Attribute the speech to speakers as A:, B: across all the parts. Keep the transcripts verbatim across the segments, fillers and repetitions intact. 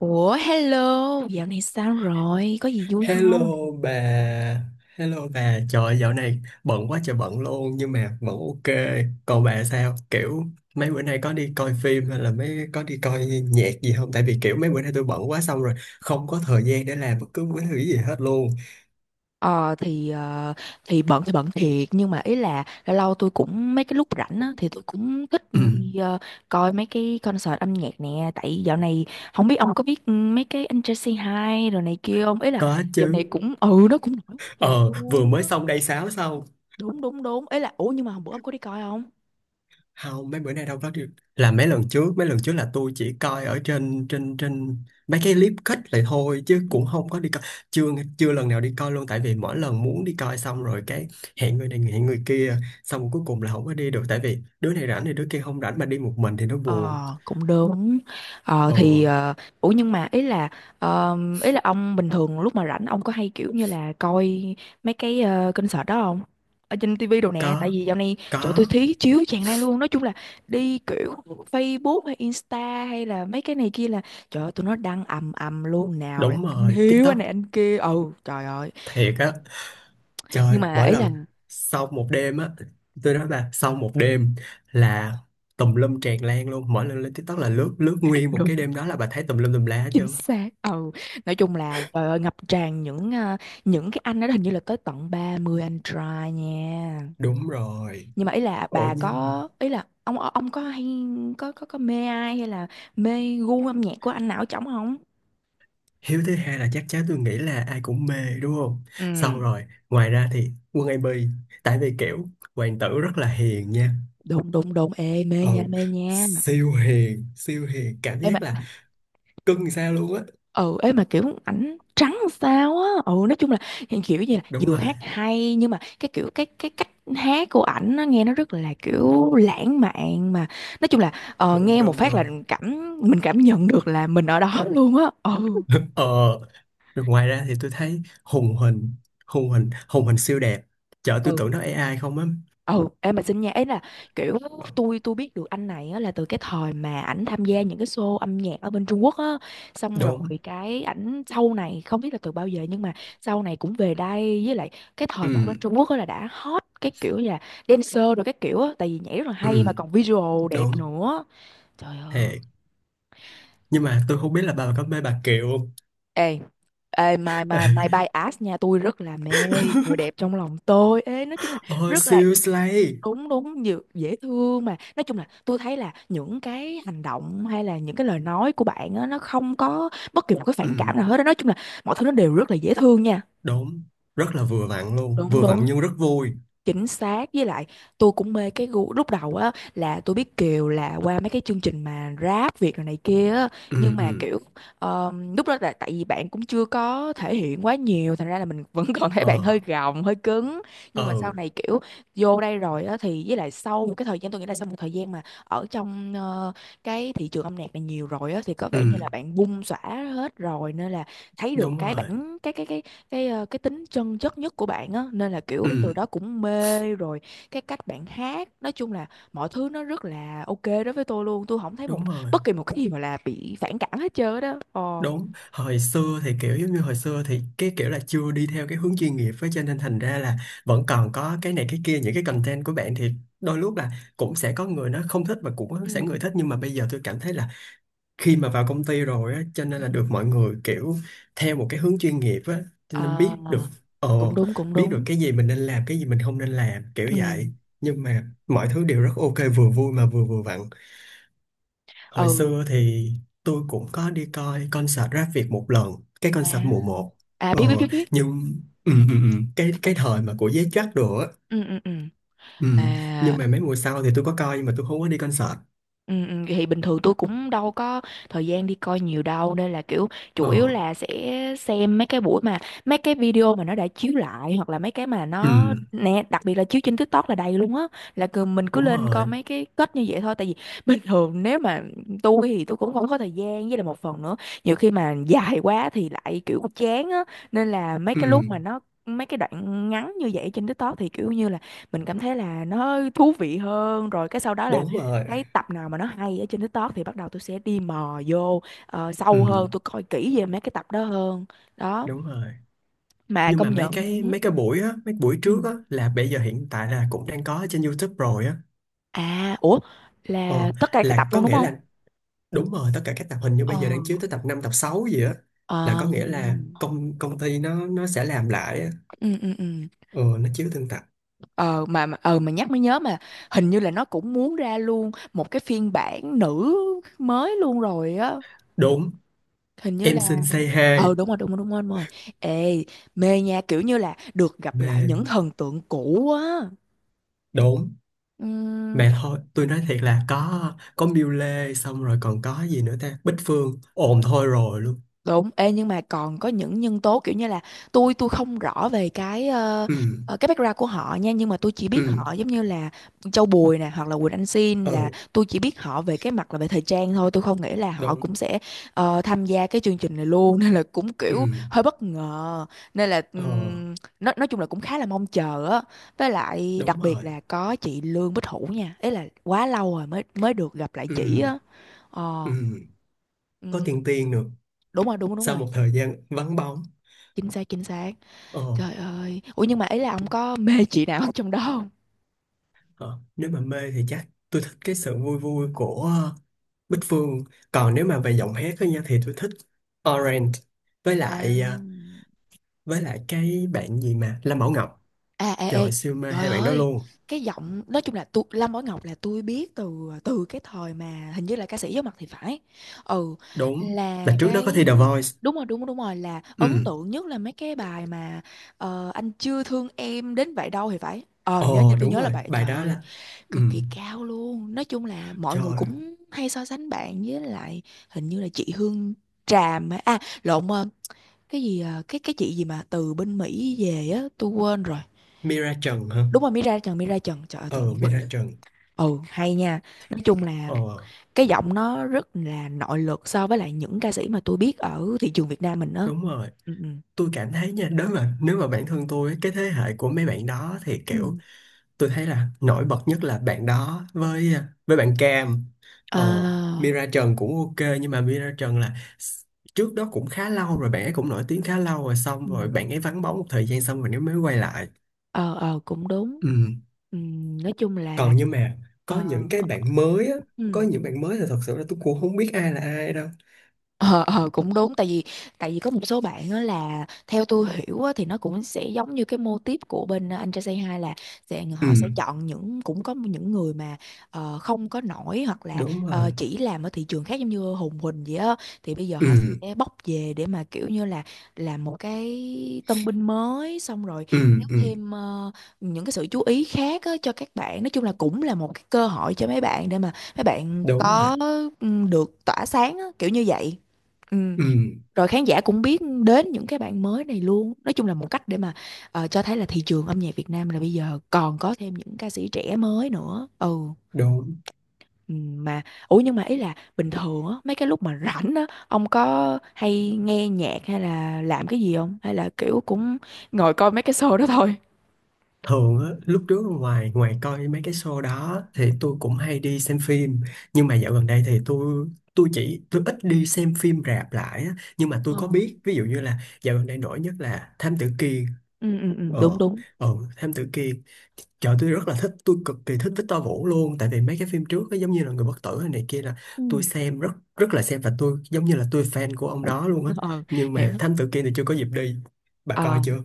A: Ủa hello, dạo này sao rồi? Có gì vui không?
B: Hello bà, hello bà, trời ơi, dạo này bận quá trời bận luôn nhưng mà vẫn ok. Còn bà sao? Kiểu mấy bữa nay có đi coi phim hay là mấy có đi coi nhạc gì không? Tại vì kiểu mấy bữa nay tôi bận quá xong rồi không có thời gian để làm bất cứ cái thứ gì hết luôn.
A: Ờ thì ờ, thì bận thì bận thiệt, nhưng mà ý là lâu lâu tôi cũng mấy cái lúc rảnh á thì tôi cũng thích
B: Ừ,
A: đi ờ, coi mấy cái concert âm nhạc nè, tại dạo này không biết ông có biết, ừ, mấy cái anh Jesse Hai rồi này kia không? Ý là
B: có
A: dạo này
B: chứ.
A: cũng, ừ nó cũng nổi quá trời
B: Ờ, vừa
A: luôn
B: mới
A: á.
B: xong day sáu xong
A: Đúng đúng đúng. Ý là ủa nhưng mà hôm bữa ông có đi coi không?
B: không mấy bữa nay đâu có được là mấy lần trước mấy lần trước là tôi chỉ coi ở trên trên trên mấy cái clip cut lại thôi chứ cũng không có đi coi chưa chưa lần nào đi coi luôn tại vì mỗi lần muốn đi coi xong rồi cái hẹn người này hẹn người kia xong rồi cuối cùng là không có đi được tại vì đứa này rảnh thì đứa kia không rảnh mà đi một mình thì nó buồn.
A: Ờ, cũng đúng. Ờ
B: Ồ,
A: thì, ờ, ủa nhưng mà ý là ờ, ý là ông bình thường lúc mà rảnh, ông có hay kiểu như là coi mấy cái ờ, concert đó không, ở trên tivi đồ nè? Tại
B: có
A: vì dạo này chỗ tôi
B: có
A: thí chiếu tràn lan luôn. Nói chung là đi kiểu Facebook hay Insta hay là mấy cái này kia là, trời ơi, tụi nó đăng ầm ầm luôn, nào là
B: đúng
A: anh
B: rồi
A: Hiếu anh
B: TikTok
A: này anh kia, ừ, trời ơi.
B: thiệt á. Trời,
A: Nhưng mà
B: mỗi
A: ý
B: lần
A: là
B: sau một đêm á, tôi nói mà sau một đêm là tùm lum tràn lan luôn. Mỗi lần lên TikTok là lướt lướt nguyên một cái đêm đó là bà thấy tùm lum tùm lá hết
A: chính
B: trơn.
A: xác, ừ, nói chung là trời ơi ngập tràn những ờ, những cái anh đó, hình như là tới tận ba mươi anh trai nha.
B: Đúng rồi.
A: Nhưng mà ý là
B: Ủa
A: bà
B: nhưng
A: có, ý là ông, ờ, ông có hay có có có mê ai hay là mê gu âm nhạc của anh nào ở trống không?
B: hiếu thứ hai là chắc chắn tôi nghĩ là ai cũng mê đúng không? Sau
A: Ừ,
B: rồi, ngoài ra thì Quân a bê, tại vì kiểu hoàng tử rất là hiền nha.
A: đúng đúng đúng, ê, mê
B: Ừ,
A: nha mê nha.
B: siêu hiền, siêu hiền, cảm
A: Ê, mà
B: giác là cưng sao luôn á.
A: ừ, ấy mà kiểu ảnh trắng sao á, ừ, nói chung là hiện kiểu như là
B: Đúng
A: vừa
B: rồi,
A: hát hay, nhưng mà cái kiểu cái cái cách hát của ảnh nó nghe nó rất là kiểu lãng mạn, mà nói chung là ờ,
B: đúng
A: nghe một
B: đúng
A: phát là
B: đúng.
A: cảm mình cảm nhận được là mình ở đó luôn á, ừ.
B: Ờ, rồi ngoài ra thì tôi thấy hùng hình, hùng hình, hùng hình siêu đẹp. Chợ tôi tưởng nó a i không á.
A: Ừ, em mà xin nha, ấy là kiểu
B: Ờ,
A: tôi tôi biết được anh này á, là từ cái thời mà ảnh tham gia những cái show âm nhạc ở bên Trung Quốc á, xong rồi
B: đúng,
A: cái ảnh sau này không biết là từ bao giờ, nhưng mà sau này cũng về đây, với lại cái
B: ừ,
A: thời mà ở bên Trung Quốc á là đã hot, cái kiểu là dancer rồi cái kiểu á, tại vì nhảy rất là hay mà
B: ừ,
A: còn visual đẹp
B: đúng,
A: nữa, trời ơi.
B: thiệt. Nhưng mà tôi không biết là bà có mê bà Kiều không?
A: Ê ê, my my my bias nha, tôi rất là mê, người đẹp trong lòng tôi, ê, nói chung là
B: Ôi,
A: rất là,
B: siêu slay.
A: đúng đúng, nhiều dễ thương, mà nói chung là tôi thấy là những cái hành động hay là những cái lời nói của bạn á, nó không có bất kỳ một cái
B: Ừ,
A: phản cảm nào hết á. Nói chung là mọi thứ nó đều rất là dễ thương nha.
B: đúng, rất là vừa vặn luôn,
A: Đúng
B: vừa vặn
A: đúng,
B: nhưng rất vui.
A: chính xác, với lại tôi cũng mê cái gu. Lúc đầu á là tôi biết Kiều là qua mấy cái chương trình mà rap Việt rồi này kia á, nhưng
B: Ừ,
A: mà
B: ừ,
A: kiểu ờm, lúc đó là tại vì bạn cũng chưa có thể hiện quá nhiều, thành ra là mình vẫn còn thấy bạn hơi
B: ờ,
A: gồng hơi cứng. Nhưng mà
B: ờ,
A: sau này kiểu vô đây rồi á thì, với lại sau một cái thời gian, tôi nghĩ là sau một thời gian mà ở trong ờ, cái thị trường âm nhạc này nhiều rồi á, thì có
B: ừ,
A: vẻ như là bạn bung xõa hết rồi, nên là thấy được
B: đúng
A: cái
B: rồi,
A: bản cái cái cái cái ờ, cái tính chân chất nhất của bạn á, nên là kiểu
B: ừ,
A: từ đó cũng mê rồi, cái cách bạn hát, nói chung là mọi thứ nó rất là ok đối với tôi luôn, tôi không thấy một
B: đúng rồi.
A: bất kỳ một cái gì mà là bị phản cảm hết trơn á đó, ồ.
B: Đúng, hồi xưa thì kiểu giống như hồi xưa thì cái kiểu là chưa đi theo cái hướng chuyên nghiệp với cho nên thành ra là vẫn còn có cái này cái kia những cái content của bạn thì đôi lúc là cũng sẽ có người nó không thích và cũng có
A: Ừ.
B: sẽ người thích nhưng mà bây giờ tôi cảm thấy là khi mà vào công ty rồi á cho nên
A: Ừ.
B: là
A: Ừ.
B: được mọi người kiểu theo một cái hướng chuyên nghiệp á cho nên
A: Ờ,
B: biết được ờ
A: cũng đúng cũng
B: biết được
A: đúng.
B: cái gì mình nên làm cái gì mình không nên làm kiểu
A: Ừ,
B: vậy nhưng mà mọi thứ đều rất ok vừa vui mà vừa vừa vặn. Hồi
A: ừ,
B: xưa thì tôi cũng có đi coi concert rap Việt một lần, cái
A: à,
B: concert mùa một.
A: à
B: Ờ,
A: biết biết biết biết,
B: nhưng ừ, ừ, ừ, cái cái thời mà của giấy Jack đồ á.
A: ừ ừ ừ,
B: Ừ, nhưng
A: à.
B: mà mấy mùa sau thì tôi có coi nhưng mà tôi không có đi concert.
A: Ừ, ừ, thì bình thường tôi cũng đâu có thời gian đi coi nhiều đâu, nên là kiểu chủ
B: Ờ,
A: yếu là sẽ xem mấy cái buổi mà mấy cái video mà nó đã chiếu lại, hoặc là mấy cái mà
B: ừ,
A: nó nè, đặc biệt là chiếu trên TikTok là đầy luôn á. Là cứ, mình cứ
B: đúng
A: lên coi
B: rồi.
A: mấy cái kết như vậy thôi, tại vì bình thường nếu mà tôi thì tôi cũng không có thời gian, với là một phần nữa nhiều khi mà dài quá thì lại kiểu chán á, nên là mấy
B: Ừ,
A: cái lúc mà nó mấy cái đoạn ngắn như vậy trên TikTok thì kiểu như là mình cảm thấy là nó thú vị hơn, rồi cái sau đó là
B: đúng rồi.
A: thấy tập nào mà nó hay ở trên TikTok thì bắt đầu tôi sẽ đi mò vô ờ, sâu hơn,
B: Ừ,
A: tôi coi kỹ về mấy cái tập đó hơn đó,
B: đúng rồi.
A: mà
B: Nhưng
A: công
B: mà mấy
A: nhận
B: cái
A: ừ.
B: mấy cái buổi á, mấy buổi
A: Ừ,
B: trước á là bây giờ hiện tại là cũng đang có ở trên YouTube rồi á.
A: à ủa,
B: Ờ,
A: là tất cả các tập
B: là có
A: luôn đúng
B: nghĩa
A: không?
B: là đúng rồi, tất cả các tập hình như
A: Ờ,
B: bây giờ đang chiếu tới tập năm tập sáu gì á là
A: ờ,
B: có nghĩa là công công ty nó nó sẽ làm lại á.
A: ừ ừ ừ,
B: Ừ, nó chiếu từng tập.
A: ờ, mà mà- ờ mà nhắc mới nhớ mà hình như là nó cũng muốn ra luôn một cái phiên bản nữ mới luôn rồi á,
B: Đúng,
A: hình như
B: em
A: là,
B: xin say hi.
A: ờ, đúng rồi đúng rồi đúng rồi đúng rồi, ê, mê nha, kiểu như là được gặp lại
B: Mê.
A: những thần tượng cũ á,
B: Đúng.
A: ừ.
B: Mà thôi, tôi nói thiệt là có có Miu Lê xong rồi còn có gì nữa ta? Bích Phương. Ồn thôi rồi luôn.
A: Đúng, ê, nhưng mà còn có những nhân tố kiểu như là tôi tôi không rõ về cái ờ,
B: Ừ,
A: ờ, cái background của họ nha, nhưng mà tôi chỉ biết
B: ừ,
A: họ giống như là Châu Bùi nè, hoặc là Quỳnh Anh Xin, là
B: ừ,
A: tôi chỉ biết họ về cái mặt là về thời trang thôi, tôi không nghĩ là họ
B: đúng.
A: cũng sẽ ờ, tham gia cái chương trình này luôn nên là cũng
B: Ừ,
A: kiểu hơi bất ngờ, nên là
B: ờ,
A: ừm, nói nói chung là cũng khá là mong chờ á, với lại
B: đúng
A: đặc biệt
B: rồi.
A: là có chị Lương Bích Hữu nha, ấy là quá lâu rồi mới mới được gặp lại chị
B: Ừ,
A: á, ờ,
B: ừ, có
A: ừm,
B: tiền Tiên nữa.
A: đúng rồi đúng đúng
B: Sau
A: rồi,
B: một thời gian vắng bóng.
A: chính xác chính xác,
B: Ờ.
A: trời ơi, ủa nhưng mà ấy là ông có mê chị nào trong đó không?
B: Ờ, nếu mà mê thì chắc tôi thích cái sự vui vui của ờ, Bích Phương, còn nếu
A: Ừ,
B: mà về giọng hát á nha thì tôi thích Orange, với
A: à.
B: lại ờ, với lại cái bạn gì mà Lâm Bảo Ngọc,
A: À, ê, ê,
B: trời siêu mê
A: trời
B: hai bạn đó
A: ơi,
B: luôn.
A: cái giọng, nói chung là tôi, Lâm Bảo Ngọc là tôi biết từ từ cái thời mà hình như là ca sĩ giấu mặt thì phải. Ừ,
B: Đúng
A: là
B: là trước đó có thi The
A: cái,
B: Voice.
A: đúng rồi, đúng rồi, đúng rồi, là ấn
B: Ừ,
A: tượng nhất là mấy cái bài mà, ờ, anh chưa thương em đến vậy đâu thì phải. Ờ, nhớ, như
B: ồ
A: tôi
B: đúng
A: nhớ là
B: rồi
A: bài,
B: bài
A: trời
B: đó
A: ơi,
B: là ừ
A: cực kỳ cao luôn. Nói chung là mọi người
B: trời.
A: cũng hay so sánh bạn với lại hình như là chị Hương Tràm, á, à lộn, ờ, cái gì, ờ, cái cái chị gì mà từ bên Mỹ về á, tôi quên rồi,
B: Mira Trần hả?
A: đúng rồi, Mira Trần Mira Trần, trời ơi, tự
B: Ừ,
A: nhiên quên,
B: Mira Trần.
A: ừ hay nha, nói chung là
B: Ờ
A: cái giọng nó rất là nội lực so với lại những ca sĩ mà tôi biết ở thị trường Việt Nam mình đó,
B: đúng rồi,
A: ừ ừ,
B: tôi cảm thấy nha nếu mà nếu mà bản thân tôi cái thế hệ của mấy bạn đó thì kiểu
A: ừ,
B: tôi thấy là nổi bật nhất là bạn đó với à, với bạn Cam.
A: ờ,
B: Ờ, Mira Trần cũng ok nhưng mà Mira Trần là s- trước đó cũng khá lâu rồi bạn ấy cũng nổi tiếng khá lâu rồi xong
A: ừ,
B: rồi bạn ấy vắng bóng một thời gian xong rồi nếu mới quay lại.
A: ờ ờ, cũng đúng,
B: Ừ.
A: ừ, nói chung là,
B: Còn nhưng mà
A: ờ,
B: có những cái bạn mới á,
A: ừ.
B: có những bạn mới là thật sự là tôi cũng không biết ai là ai đâu.
A: Ờ, ờ, cũng đúng, tại vì tại vì có một số bạn á là theo tôi hiểu á, thì nó cũng sẽ giống như cái mô típ của bên ờ, anh trai Say Hi, là sẽ
B: Ừ,
A: họ sẽ chọn những, cũng có những người mà ờ, không có nổi hoặc là
B: đúng
A: ờ,
B: rồi.
A: chỉ làm ở thị trường khác giống như Hùng Huỳnh vậy á, thì bây giờ
B: Ừ,
A: họ sẽ bóc về để mà kiểu như là làm một cái tân binh mới, xong rồi
B: ừ,
A: kéo
B: ừ,
A: thêm ờ, những cái sự chú ý khác á, cho các bạn, nói chung là cũng là một cái cơ hội cho mấy bạn để mà mấy bạn
B: đúng rồi,
A: có, ừ, được tỏa sáng á, kiểu như vậy. Ừ,
B: ừ,
A: rồi khán giả cũng biết đến những cái bạn mới này luôn. Nói chung là một cách để mà ờ, cho thấy là thị trường âm nhạc Việt Nam là bây giờ còn có thêm những ca sĩ trẻ mới nữa. Ừ.
B: đúng.
A: Ừ, mà ủa nhưng mà ý là bình thường á mấy cái lúc mà rảnh á, ông có hay nghe nhạc hay là làm cái gì không, hay là kiểu cũng ngồi coi mấy cái show đó thôi?
B: Thường á, lúc trước ngoài ngoài coi mấy cái show đó thì tôi cũng hay đi xem phim, nhưng mà dạo gần đây thì tôi tôi chỉ tôi ít đi xem phim rạp lại á. Nhưng mà
A: Ờ.
B: tôi có biết ví dụ như là dạo gần đây nổi nhất là Thám Tử Kiên.
A: Ừ ừ ừ,
B: Ờ,
A: đúng đúng.
B: ờ, Thám Tử Kiên. Trời tôi rất là thích, tôi cực kỳ thích Victor Vũ luôn. Tại vì mấy cái phim trước á, giống như là Người Bất Tử hay này kia là tôi
A: Ừ.
B: xem rất rất là xem Và tôi giống như là tôi fan của ông đó luôn á.
A: ờ
B: Nhưng
A: Hiểu.
B: mà Thám Tử Kiên thì chưa có dịp đi. Bà coi chưa?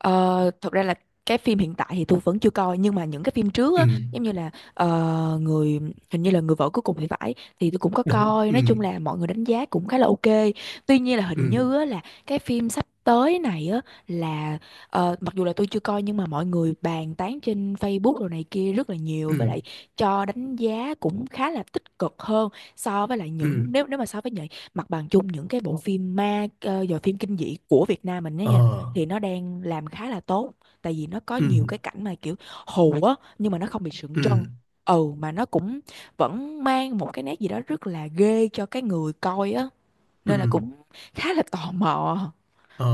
A: Ờ, thật ra là cái phim hiện tại thì tôi vẫn chưa coi, nhưng mà những cái phim trước
B: Ừ,
A: á, giống như là ờ, người, hình như là Người Vợ Cuối Cùng thì phải, thì tôi cũng có
B: đúng,
A: coi.
B: ừ,
A: Nói chung là mọi người đánh giá cũng khá là ok. Tuy nhiên là hình
B: ừ,
A: như á, là cái phim sắp tới này á, là ờ, mặc dù là tôi chưa coi, nhưng mà mọi người bàn tán trên Facebook rồi này kia rất là nhiều,
B: ừ
A: với lại cho đánh giá cũng khá là tích cực hơn so với lại
B: ừ
A: những, nếu nếu mà so với những mặt bằng chung những cái bộ phim ma, uh, phim kinh dị của Việt Nam mình đó
B: ờ
A: nha, thì nó đang làm khá là tốt. Tại vì nó có
B: ừ
A: nhiều cái cảnh mà kiểu hù á, nhưng mà nó không bị sượng
B: ừ
A: trân. Ừ, mà nó cũng vẫn mang một cái nét gì đó rất là ghê cho cái người coi á,
B: ừ.
A: nên là cũng khá là tò mò.
B: Ờ,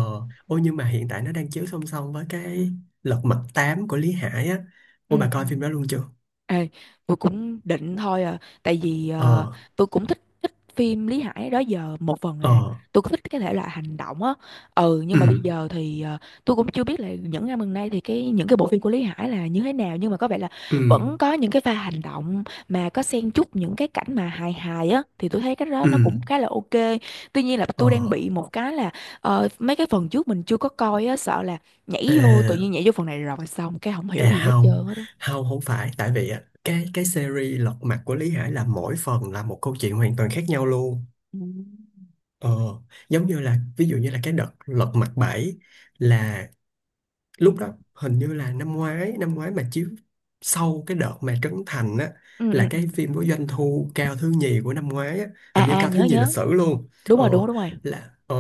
B: ôi nhưng mà hiện tại nó đang chiếu song song với cái Lật Mặt tám của Lý Hải á,
A: Ừ
B: ôi bà
A: ừ.
B: coi phim đó luôn chưa?
A: Ê, tôi cũng định thôi à, tại vì ờ,
B: Ờ,
A: tôi cũng thích thích phim Lý Hải đó giờ, một phần là
B: ờ,
A: tôi cũng thích cái thể loại hành động á. Ừ, nhưng
B: ừ
A: mà bây giờ thì ờ, tôi cũng chưa biết là những năm gần đây thì cái những cái bộ phim của Lý Hải là như thế nào, nhưng mà có vẻ là
B: ừ
A: vẫn có những cái pha hành động mà có xen chút những cái cảnh mà hài hài á, thì tôi thấy cái đó
B: ừ
A: nó cũng khá là ok. Tuy nhiên là
B: ờ
A: tôi đang bị một cái là ờ, mấy cái phần trước mình chưa có coi á, sợ là
B: ờ.
A: nhảy vô, tự nhiên nhảy vô phần này rồi xong cái không hiểu gì
B: À
A: hết
B: không,
A: trơn hết á.
B: không không phải tại vì á cái cái series Lật Mặt của Lý Hải là mỗi phần là một câu chuyện hoàn toàn khác nhau luôn.
A: Ừ.
B: Ờ, giống như là ví dụ như là cái đợt Lật Mặt bảy là lúc đó hình như là năm ngoái năm ngoái mà chiếu sau cái đợt mà Trấn Thành á
A: Ừ
B: là
A: ừ ừ,
B: cái phim có doanh thu cao thứ nhì của năm ngoái á,
A: à
B: hình như
A: à,
B: cao thứ
A: nhớ
B: nhì lịch
A: nhớ.
B: sử luôn.
A: Đúng
B: Ờ,
A: rồi, đúng rồi, đúng rồi.
B: là ờ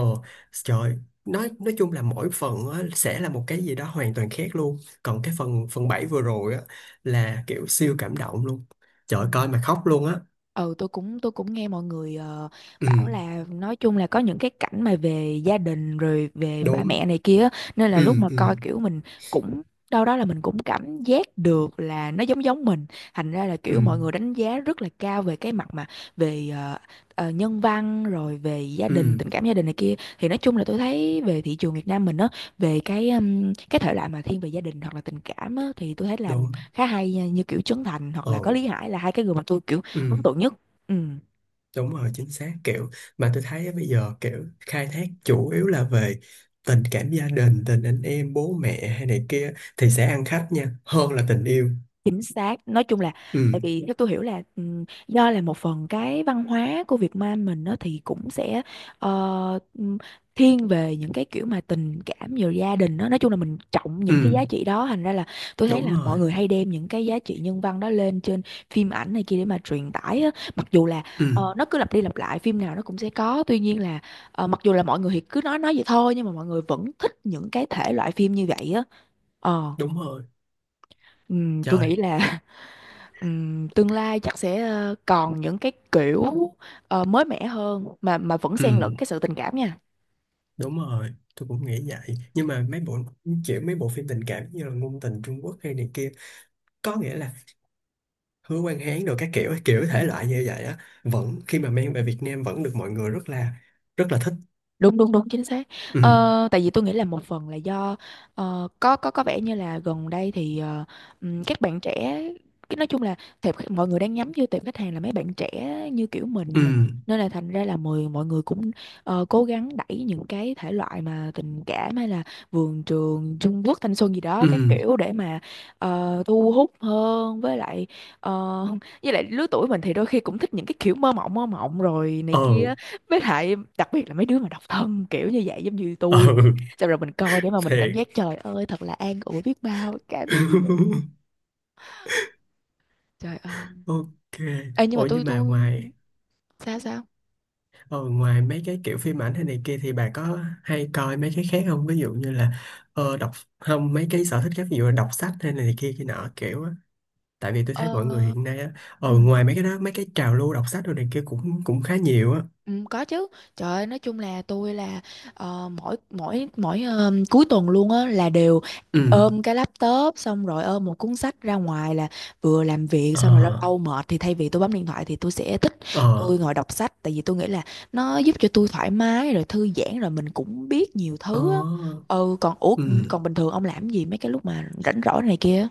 B: trời, nói nói chung là mỗi phần á, sẽ là một cái gì đó hoàn toàn khác luôn, còn cái phần phần bảy vừa rồi á là kiểu siêu cảm động luôn, trời
A: Ừ.
B: ơi, coi mà khóc luôn á.
A: Ừ, tôi cũng tôi cũng nghe mọi người ờ,
B: Ừ,
A: bảo là nói chung là có những cái cảnh mà về gia đình rồi về ba
B: đúng,
A: mẹ này kia á, nên là lúc
B: ừ,
A: mà
B: ừ,
A: coi kiểu mình cũng, đâu đó là mình cũng cảm giác được là nó giống giống mình, thành ra là
B: ừ,
A: kiểu mọi người đánh giá rất là cao về cái mặt mà về ờ, ờ, nhân văn rồi về gia
B: ừ,
A: đình, tình cảm gia đình này kia. Thì nói chung là tôi thấy về thị trường Việt Nam mình á, về cái ừm, cái thể loại mà thiên về gia đình hoặc là tình cảm á, thì tôi thấy làm
B: đúng,
A: khá hay nha, như kiểu Trấn Thành hoặc
B: ờ,
A: là có Lý Hải là hai cái người mà tôi kiểu
B: ừ.
A: ấn tượng nhất. Ừ,
B: Đúng rồi, chính xác kiểu mà tôi thấy á, bây giờ kiểu khai thác chủ yếu là về tình cảm gia đình, tình anh em, bố mẹ hay này kia thì sẽ ăn khách nha, hơn là tình yêu.
A: chính xác. Nói chung là tại
B: Ừ,
A: vì theo tôi hiểu là ừ, do là một phần cái văn hóa của Việt Nam mình nó thì cũng sẽ ờ, ừm, thiên về những cái kiểu mà tình cảm rồi gia đình đó. Nói chung là mình trọng
B: ừ,
A: những cái giá trị đó, thành ra là tôi thấy
B: đúng
A: là
B: rồi.
A: mọi người hay đem những cái giá trị nhân văn đó lên trên phim ảnh này kia để mà truyền tải á. Mặc dù là
B: Ừ,
A: ờ, nó cứ lặp đi lặp lại, phim nào nó cũng sẽ có. Tuy nhiên là ờ, mặc dù là mọi người thì cứ nói nói vậy thôi, nhưng mà mọi người vẫn thích những cái thể loại phim như vậy á. Ờ.
B: đúng rồi.
A: Ừm, tôi
B: Trời.
A: nghĩ là ừm, tương lai chắc sẽ ờ, còn những cái kiểu ờ, mới mẻ hơn mà mà vẫn xen lẫn
B: Ừ,
A: cái sự tình cảm nha.
B: đúng rồi. Tôi cũng nghĩ vậy. Nhưng mà mấy bộ kiểu mấy bộ phim tình cảm như là ngôn tình Trung Quốc hay này kia có nghĩa là Hứa Quang Hán rồi các kiểu kiểu thể loại như vậy á vẫn khi mà mang về Việt Nam vẫn được mọi người rất là rất là thích.
A: Đúng đúng đúng, chính xác.
B: Ừ,
A: Ờ, tại vì tôi nghĩ là một phần là do ờ, có có có vẻ như là gần đây thì ờ, ừm, các bạn trẻ, cái nói chung là tệp khách- mọi người đang nhắm vô tệp khách hàng là mấy bạn trẻ như kiểu
B: ừ,
A: mình, nên là thành ra là mọi mọi người cũng ờ, cố gắng đẩy những cái thể loại mà tình cảm hay là vườn trường Trung Quốc, thanh xuân gì đó
B: ừ,
A: các kiểu để mà ờ, thu hút hơn. Với lại ờ, với lại lứa tuổi mình thì đôi khi cũng thích những cái kiểu mơ mộng mơ mộng rồi này
B: ờ,
A: kia, với lại đặc biệt là mấy đứa mà độc thân kiểu như vậy, giống như
B: ờ,
A: tôi nè, xong rồi mình coi để mà mình cảm
B: thiệt.
A: giác trời ơi thật là an ủi biết bao, cảm giác như vậy. Trời ơi.
B: Ok.
A: Ê, nhưng mà
B: Ủa
A: tôi
B: nhưng mà
A: tôi
B: ngoài
A: sao sao
B: ờ, ngoài mấy cái kiểu phim ảnh hay này kia thì bà có hay coi mấy cái khác không, ví dụ như là ờ, đọc không mấy cái sở thích khác ví dụ là đọc sách hay này kia kia nọ kiểu á, tại vì tôi thấy
A: ờ
B: mọi người hiện nay á ờ
A: ừ.
B: ngoài mấy cái đó mấy cái trào lưu đọc sách rồi này kia cũng cũng khá nhiều á.
A: Ừ, có chứ. Trời ơi, nói chung là tôi là ờ, mỗi mỗi mỗi ờ, cuối tuần luôn á là đều
B: Ừ,
A: ôm cái laptop xong rồi ôm một cuốn sách ra ngoài, là vừa làm việc
B: ờ,
A: xong rồi lâu lâu mệt thì thay vì tôi bấm điện thoại thì tôi sẽ thích
B: ờ,
A: tôi ngồi đọc sách. Tại vì tôi nghĩ là nó giúp cho tôi thoải mái rồi thư giãn rồi mình cũng biết nhiều
B: ờ,
A: thứ á. Ừ, còn ủa,
B: ừ.
A: còn bình thường ông làm gì mấy cái lúc mà rảnh rỗi này kia?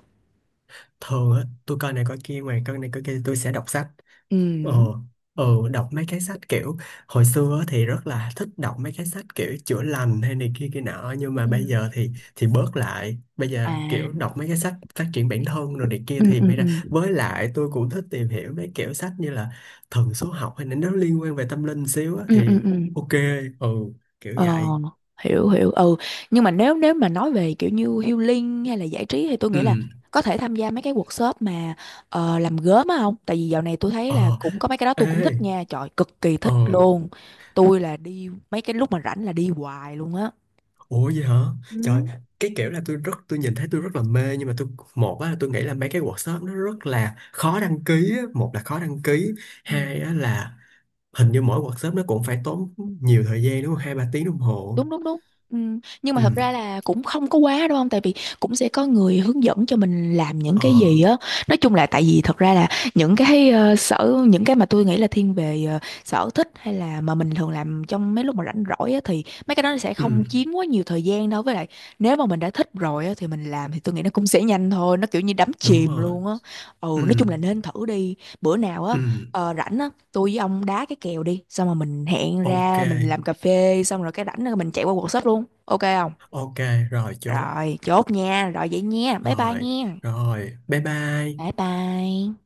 B: Thường á tôi coi này coi kia, ngoài coi này coi kia thì tôi sẽ đọc sách.
A: Ừ.
B: Ờ, ờ, đọc mấy cái sách kiểu hồi xưa á thì rất là thích đọc mấy cái sách kiểu chữa lành hay này kia kia nọ nhưng mà
A: Ừ.
B: bây giờ thì thì bớt lại, bây giờ
A: À.
B: kiểu đọc mấy cái sách phát triển bản thân rồi này kia
A: Ừ
B: thì
A: ừ
B: mới
A: ừ.
B: ra, với lại tôi cũng thích tìm hiểu mấy kiểu sách như là thần số học hay là nó liên quan về tâm linh xíu á
A: Ừ ừ
B: thì
A: ừ.
B: ok, ừ, kiểu
A: Ờ,
B: vậy.
A: hiểu hiểu. Ừ, nhưng mà nếu nếu mà nói về kiểu như healing hay là giải trí thì tôi
B: Ừ,
A: nghĩ là có thể tham gia mấy cái workshop mà ờ, làm gốm á không? Tại vì dạo này tôi thấy là
B: ờ,
A: cũng có mấy cái đó,
B: ê,
A: tôi cũng thích nha, trời cực kỳ
B: ờ.
A: thích luôn. Tôi là đi mấy cái lúc mà rảnh là đi hoài luôn á.
B: Ủa vậy hả? Trời,
A: Ừ.
B: cái kiểu là tôi rất tôi nhìn thấy tôi rất là mê nhưng mà tôi, một á là tôi nghĩ là mấy cái workshop nó rất là khó đăng ký á. Một là khó đăng ký,
A: Ừ.
B: hai á là hình như mỗi workshop nó cũng phải tốn nhiều thời gian đúng không? Hai ba tiếng đồng hồ.
A: Đúng đúng đúng. Ừ. Nhưng mà
B: Ừ,
A: thật ra là cũng không có quá đúng không, tại vì cũng sẽ có người hướng dẫn cho mình làm những
B: ờ,
A: cái gì á. Nói chung là tại vì thật ra là những cái ờ, sở những cái mà tôi nghĩ là thiên về ờ, sở thích hay là mà mình thường làm trong mấy lúc mà rảnh rỗi á, thì mấy cái đó nó sẽ
B: ừ,
A: không chiếm quá nhiều thời gian đâu. Với lại nếu mà mình đã thích rồi á thì mình làm, thì tôi nghĩ nó cũng sẽ nhanh thôi, nó kiểu như đắm
B: đúng
A: chìm
B: rồi.
A: luôn á. Ừ,
B: Ừ,
A: nói chung là nên thử đi. Bữa nào á,
B: ừ,
A: ờ, rảnh á tôi với ông đá cái kèo đi, xong rồi mình hẹn
B: ok,
A: ra mình làm cà phê, xong rồi cái rảnh rồi mình chạy qua quần sách luôn, ok không?
B: ok, rồi chốt.
A: Rồi chốt nha, rồi vậy nha, bye bye
B: Rồi,
A: nha.
B: rồi, bye
A: Bye
B: bye.
A: bye.